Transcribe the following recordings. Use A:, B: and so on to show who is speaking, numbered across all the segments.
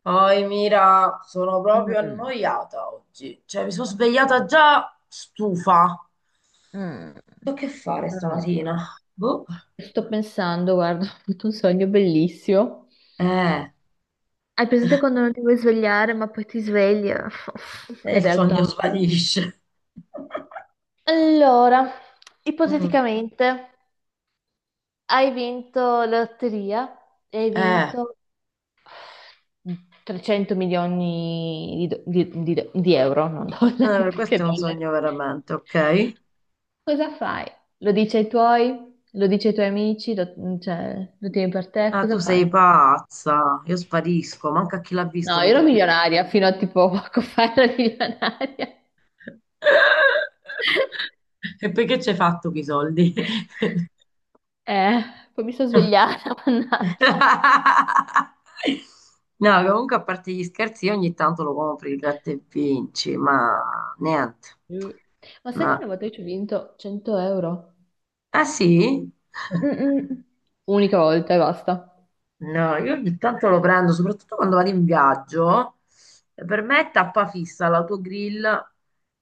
A: Poi Mira, sono proprio
B: Mm,
A: annoiata oggi. Cioè, mi sono svegliata già stufa.
B: mm,
A: So che fare
B: allora.
A: stamattina? Boh.
B: Sto pensando, guarda, ho avuto un sogno bellissimo.
A: Eh,
B: Hai presente quando non ti vuoi svegliare, ma poi ti svegli?
A: e
B: La
A: il
B: realtà.
A: sogno svanisce.
B: Allora,
A: Mm,
B: ipoteticamente hai vinto la lotteria e hai
A: eh,
B: vinto 300 milioni di, do- di euro, non dollari, perché
A: Questo è un
B: dollari.
A: sogno veramente, ok?
B: Cosa fai? Lo dici ai tuoi? Lo dici ai tuoi amici? Cioè, lo tieni per te?
A: Ah, tu
B: Cosa fai?
A: sei pazza. Io sparisco, manca chi l'ha
B: No,
A: visto
B: io
A: mi
B: ero
A: trovo.
B: milionaria fino a tipo poco fa ero milionaria.
A: E poi che ci hai fatto con i soldi?
B: Eh, poi mi sono svegliata, mannaggia.
A: No, comunque a parte gli scherzi, io ogni tanto lo compro il gratta e vinci, ma niente.
B: Mm. Ma sai che
A: No.
B: una volta io ci ho vinto 100 euro?
A: Ah sì?
B: Mm-mm. Unica volta e basta.
A: No, io ogni tanto lo prendo, soprattutto quando vado in viaggio. Per me è tappa fissa l'autogrill,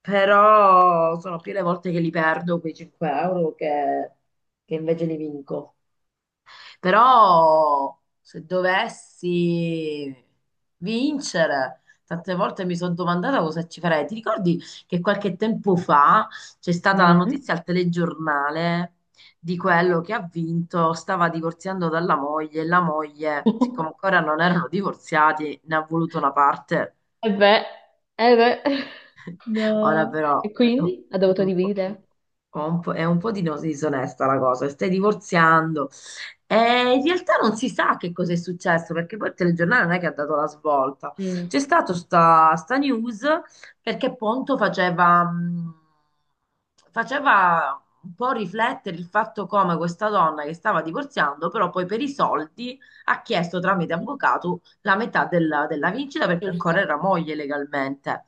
A: però sono più le volte che li perdo quei 5 euro che invece li vinco. Però se dovessi vincere, tante volte mi sono domandata cosa ci farei. Ti ricordi che qualche tempo fa c'è stata la
B: Mm.
A: notizia al telegiornale di quello che ha vinto, stava divorziando dalla moglie e la moglie, siccome ancora non erano divorziati, ne ha voluto una parte.
B: E beh, eh beh. No.
A: Ora però
B: E
A: è un
B: quindi ha dovuto
A: un po'.
B: dividere.
A: È un po' di disonesta la cosa, stai divorziando. E in realtà non si sa che cosa è successo, perché poi il telegiornale non è che ha dato la svolta.
B: Mm.
A: C'è stata sta news perché Ponto faceva, faceva un po' riflettere il fatto come questa donna che stava divorziando, però poi per i soldi ha chiesto tramite
B: Mhm.
A: avvocato la metà della vincita perché ancora era
B: Giusto,
A: moglie legalmente.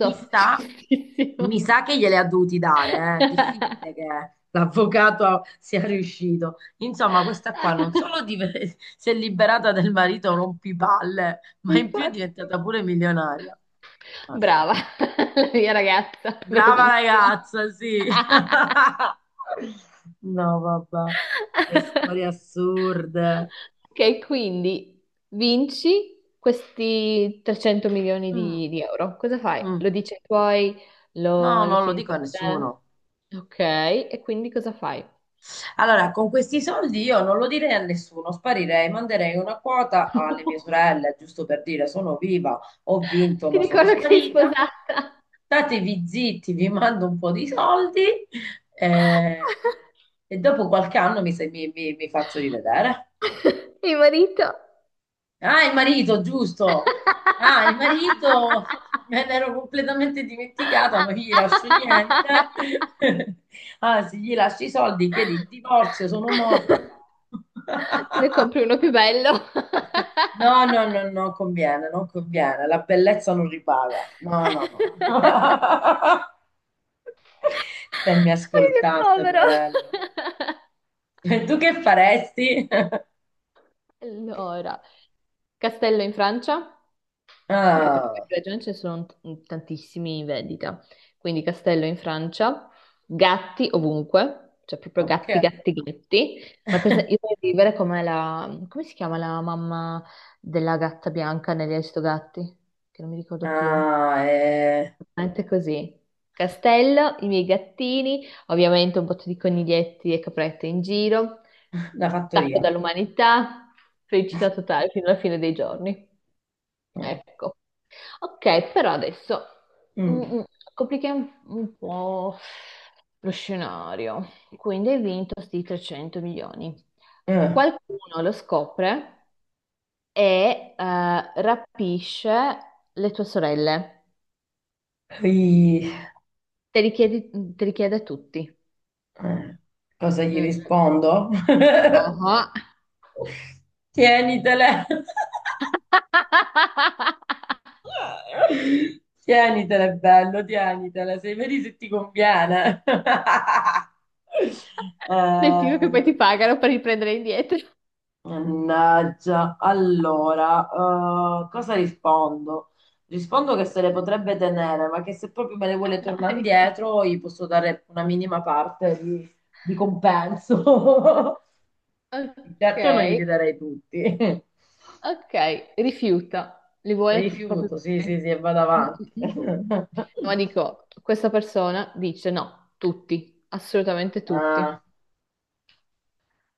A: Mi sa, Mi
B: giustissimo.
A: sa che gliele ha dovuti dare, eh. Difficile che l'avvocato sia riuscito. Insomma, questa qua non solo si è liberata del marito rompipalle, ma in più è
B: Infatti.
A: diventata pure milionaria.
B: Brava, la mia ragazza,
A: Brava
B: bravissima.
A: ragazza, sì. No, vabbè, che storie assurde.
B: Ok, quindi vinci questi 300 milioni
A: Mm,
B: di euro. Cosa fai?
A: mm.
B: Lo dici ai tuoi?
A: No,
B: Lo
A: non lo
B: tieni
A: dico
B: per
A: a
B: te?
A: nessuno.
B: Ok, e quindi cosa fai?
A: Allora, con questi soldi io non lo direi a nessuno, sparirei, manderei una quota alle mie sorelle, giusto per dire sono viva, ho vinto,
B: Ti
A: ma sono
B: ricordo che sei
A: sparita.
B: sposata.
A: Statevi zitti, vi mando un po' di soldi eh, e dopo qualche anno mi, se- mi mi- mi faccio rivedere.
B: Mio marito.
A: Ah, il marito, giusto. Ah, il marito, me l'ero completamente dimenticata, non gli lascio niente. Anzi, gli lascio i soldi, chiedi il divorzio, sono morta.
B: Te ne compri uno più bello. Ma
A: No, no, no, non conviene, non conviene. La bellezza non ripaga. No, no, no. Se mi
B: che
A: ascoltasse,
B: povero!
A: poverello. E tu che faresti?
B: Allora, castello in Francia, perché per
A: Ah,
B: qualche ragione ce ne sono tantissimi in vendita. Quindi castello in Francia, gatti ovunque, cioè proprio
A: ok.
B: gatti, gatti, gatti. Ma per esempio, io voglio vivere come la... come si chiama la mamma della gatta bianca negli Aristogatti? Che non mi ricordo più.
A: Ah, eh.
B: Anche così. Castello, i miei gattini, ovviamente un botto di coniglietti e caprette in giro,
A: La
B: stacco
A: fattoria.
B: dall'umanità, felicità totale fino alla fine dei giorni.
A: Mm.
B: Ecco. Ok, però adesso mm,
A: Mm.
B: mm, complichiamo un po' lo scenario. Quindi hai vinto sti 300 milioni.
A: Eh.
B: Qualcuno lo scopre e rapisce le tue sorelle.
A: Poi,
B: Te li chiedi, te li chiede a tutti.
A: eh. Cosa gli
B: Mm.
A: rispondo?
B: Oh.
A: Tienitele. Tienitele, bello, tienitele. Sei vedi se ti conviene.
B: Del tipo che
A: Eh,
B: poi ti pagano per riprendere indietro.
A: Mannaggia, allora, cosa rispondo? Rispondo che se le potrebbe tenere, ma che se proprio me le vuole tornare
B: Dai.
A: indietro, gli posso dare una minima parte di compenso.
B: Ok,
A: Certo non glieli darei tutti.
B: ok, rifiuta, li vuole proprio
A: Rifiuto, sì, sì,
B: tutti.
A: sì, e vado
B: Mm, mm,
A: avanti.
B: mm. Ma dico, questa persona dice no, tutti, assolutamente tutti.
A: Ah.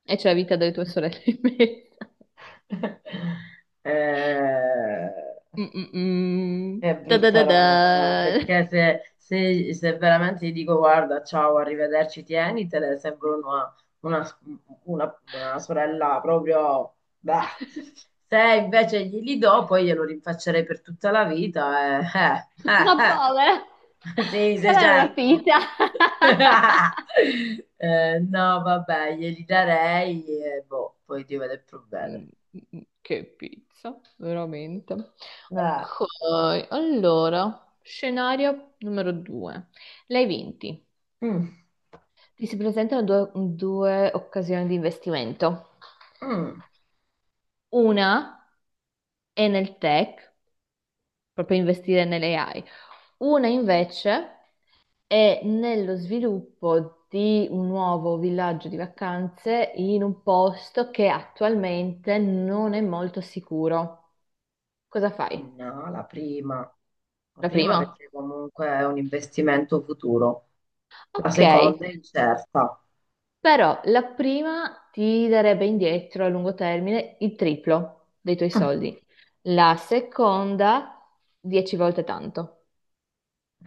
B: E c'è la vita delle tue sorelle in mezzo.
A: Eh,
B: Mm, mm,
A: È
B: mm. Ta da da
A: brutta
B: da.
A: roba, perché se veramente gli dico guarda, ciao, arrivederci, tienitele, sembra una, una- una sorella proprio... bah. Se invece glieli do, poi glielo rinfaccerei per tutta la vita. Eh,
B: Ma povera,
A: eh. Sì,
B: già
A: sì,
B: l'hanno
A: certo.
B: rapita.
A: No, vabbè, glieli darei e boh, poi Dio vede il problema.
B: Mm, Che pizza, veramente. Ok, allora, scenario numero due. Lei vinti.
A: Mm,
B: Ti si presentano due occasioni di investimento.
A: mm.
B: Una è nel tech, proprio investire nelle AI. Una invece è nello sviluppo di un nuovo villaggio di vacanze in un posto che attualmente non è molto sicuro. Cosa fai?
A: No, la prima. La
B: La
A: prima
B: prima?
A: perché comunque è un investimento futuro. La
B: Ok,
A: seconda è incerta.
B: però la prima ti darebbe indietro a lungo termine il triplo dei tuoi
A: Ah,
B: soldi. La seconda, 10 volte tanto,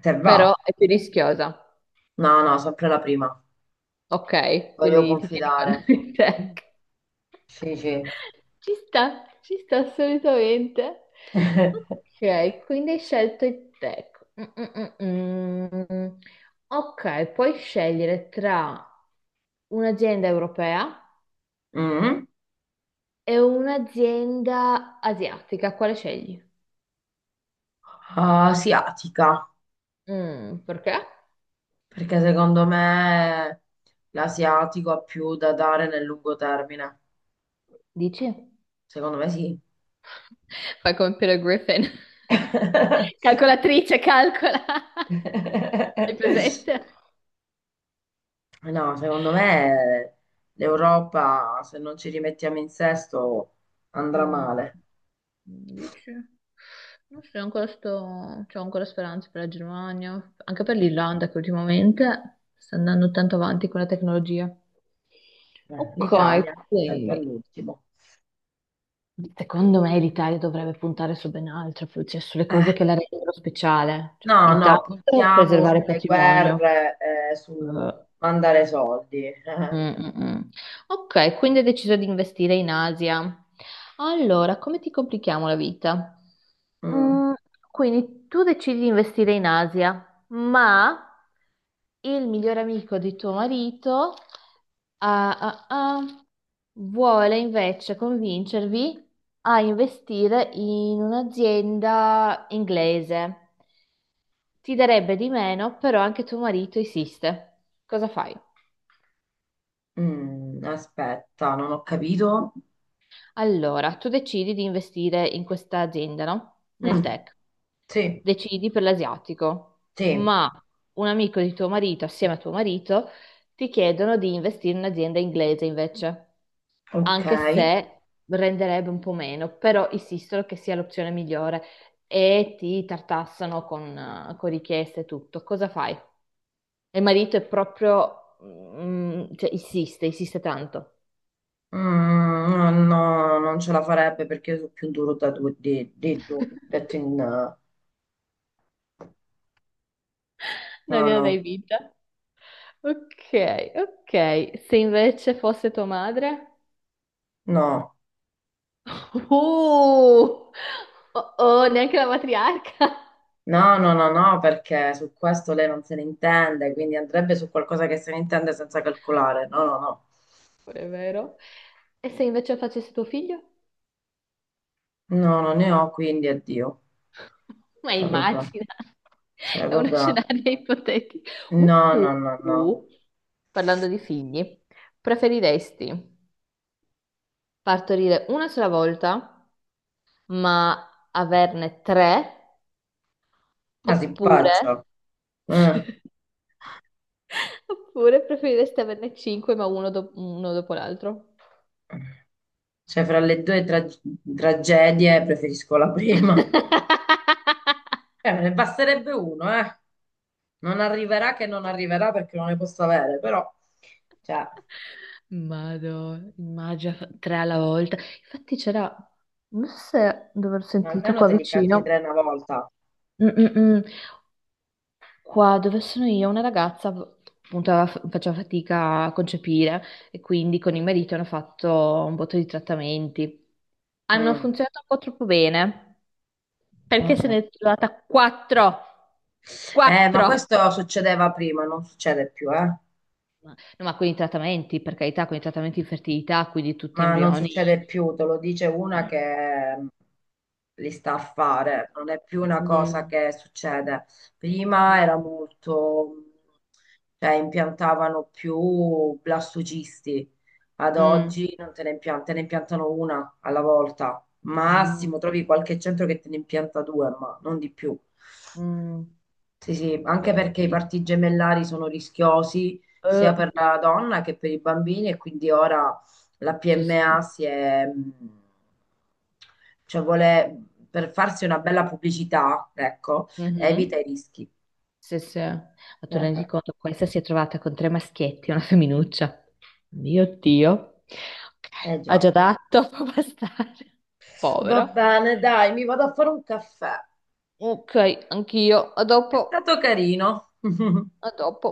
A: se va.
B: però è più rischiosa.
A: No, no, sempre la prima.
B: Ok,
A: Voglio
B: quindi ti tieni con
A: confidare. Mm.
B: te.
A: Sì, sì.
B: Ci sta assolutamente. Ok, quindi hai scelto il tech. Mm, mm, mm, mm. Ok, puoi scegliere tra un'azienda europea
A: Mm.
B: e un'azienda asiatica. Quale scegli?
A: Asiatica,
B: Perché?
A: perché secondo me l'asiatico ha più da dare nel lungo termine.
B: Dici?
A: Secondo me sì.
B: Fai come Peter Griffin. Calcolatrice, calcola. Hai presente?
A: No, secondo me l'Europa, se non ci rimettiamo in sesto, andrà
B: Mm,
A: male.
B: dici? Non so, ancora sto... c'ho ancora speranze per la Germania, anche per l'Irlanda che ultimamente sta andando tanto avanti con la tecnologia. Ok,
A: L'Italia, sempre
B: quindi
A: all'ultimo.
B: secondo me l'Italia dovrebbe puntare su ben altro, cioè sulle
A: Eh,
B: cose che la rendono speciale. Cioè,
A: no, no,
B: intanto
A: puntiamo
B: preservare il
A: sulle
B: patrimonio,
A: guerre, su
B: eh,
A: mandare soldi.
B: Mm, mm, mm. Ok, quindi hai deciso di investire in Asia. Allora, come ti complichiamo la vita?
A: Mm,
B: Mm, quindi tu decidi di investire in Asia, ma il migliore amico di tuo marito ah, ah, ah, vuole invece convincervi a investire in un'azienda inglese. Ti darebbe di meno, però anche tuo marito insiste. Cosa fai?
A: mm, aspetta, non ho capito.
B: Allora, tu decidi di investire in questa azienda, no? Nel
A: Mm,
B: tech.
A: sì,
B: Decidi per l'asiatico,
A: sì,
B: ma un amico di tuo marito, assieme a tuo marito, ti chiedono di investire in un'azienda inglese invece,
A: ok.
B: anche se renderebbe un po' meno, però insistono che sia l'opzione migliore e ti tartassano con richieste e tutto. Cosa fai? E il marito è proprio, cioè, insiste, insiste tanto.
A: Mm, no, no, non ce la farebbe perché io sono più duro da due, di due, detto in...
B: Non
A: No,
B: glielo dai
A: no,
B: vinta. Ok, ok. Se invece fosse tua madre?
A: no.
B: Oh, oh, oh, neanche la matriarca.
A: No, no, no, no, perché su questo lei non se ne intende, quindi andrebbe su qualcosa che se ne intende senza calcolare. No, no, no.
B: Pure è vero. E se invece facesse tuo figlio?
A: No, non ne ho, quindi addio.
B: Ma
A: Cioè, proprio,
B: immagina,
A: cioè,
B: è uno
A: proprio,
B: scenario ipotetico.
A: no, no,
B: Uh,
A: no, no.
B: uh. Parlando di figli, preferiresti partorire una sola volta, ma averne tre,
A: Ma si
B: oppure
A: impaccia. Eh.
B: oppure preferiresti averne cinque ma uno, uno dopo l'altro?
A: Cioè, fra le due tragedie preferisco la prima. Me ne basterebbe uno, eh. Non arriverà che non arriverà perché non ne posso avere, però, cioè,
B: Madò, immagina tre alla volta. Infatti c'era, non so se dove ho sentito
A: almeno
B: qua
A: te li cacci tre
B: vicino,
A: una volta.
B: Mm, mm, mm. Qua dove sono io, una ragazza appunto aveva faceva fatica a concepire e quindi con il marito hanno fatto un botto di trattamenti. Hanno
A: Mm.
B: funzionato un po' troppo bene. Perché se ne
A: Eh.
B: è trovata quattro?
A: Ma
B: Quattro!
A: questo succedeva prima, non succede più, eh.
B: No, ma con i trattamenti, per carità, con i trattamenti di fertilità, quindi tutti
A: Ma non
B: embrioni.
A: succede più, te lo dice una che li sta a fare, non è più una cosa
B: Mm,
A: che succede. Prima era molto, cioè impiantavano più blastocisti, ad
B: mm,
A: oggi non te ne impiantano, te ne impiantano una alla volta,
B: mm,
A: massimo trovi qualche centro che te ne impianta due, ma non di più.
B: mm,
A: Sì, sì, anche
B: che
A: perché i parti
B: pizza.
A: gemellari sono rischiosi sia
B: Eh,
A: per la donna che per i bambini e quindi ora la
B: sì, sì.
A: PMA si è, cioè vuole, per farsi una bella pubblicità, ecco,
B: Mhm.
A: evita i rischi.
B: Sì, sì. Ma
A: Eh,
B: tu
A: eh,
B: rendi conto, questa si è trovata con tre maschietti e una femminuccia. Mio Dio.
A: eh
B: Ok, ha
A: già.
B: già dato, può bastare.
A: Va
B: Povera.
A: bene, dai, mi vado a fare un caffè.
B: Ok, anch'io. A
A: È
B: dopo.
A: stato carino.
B: A dopo.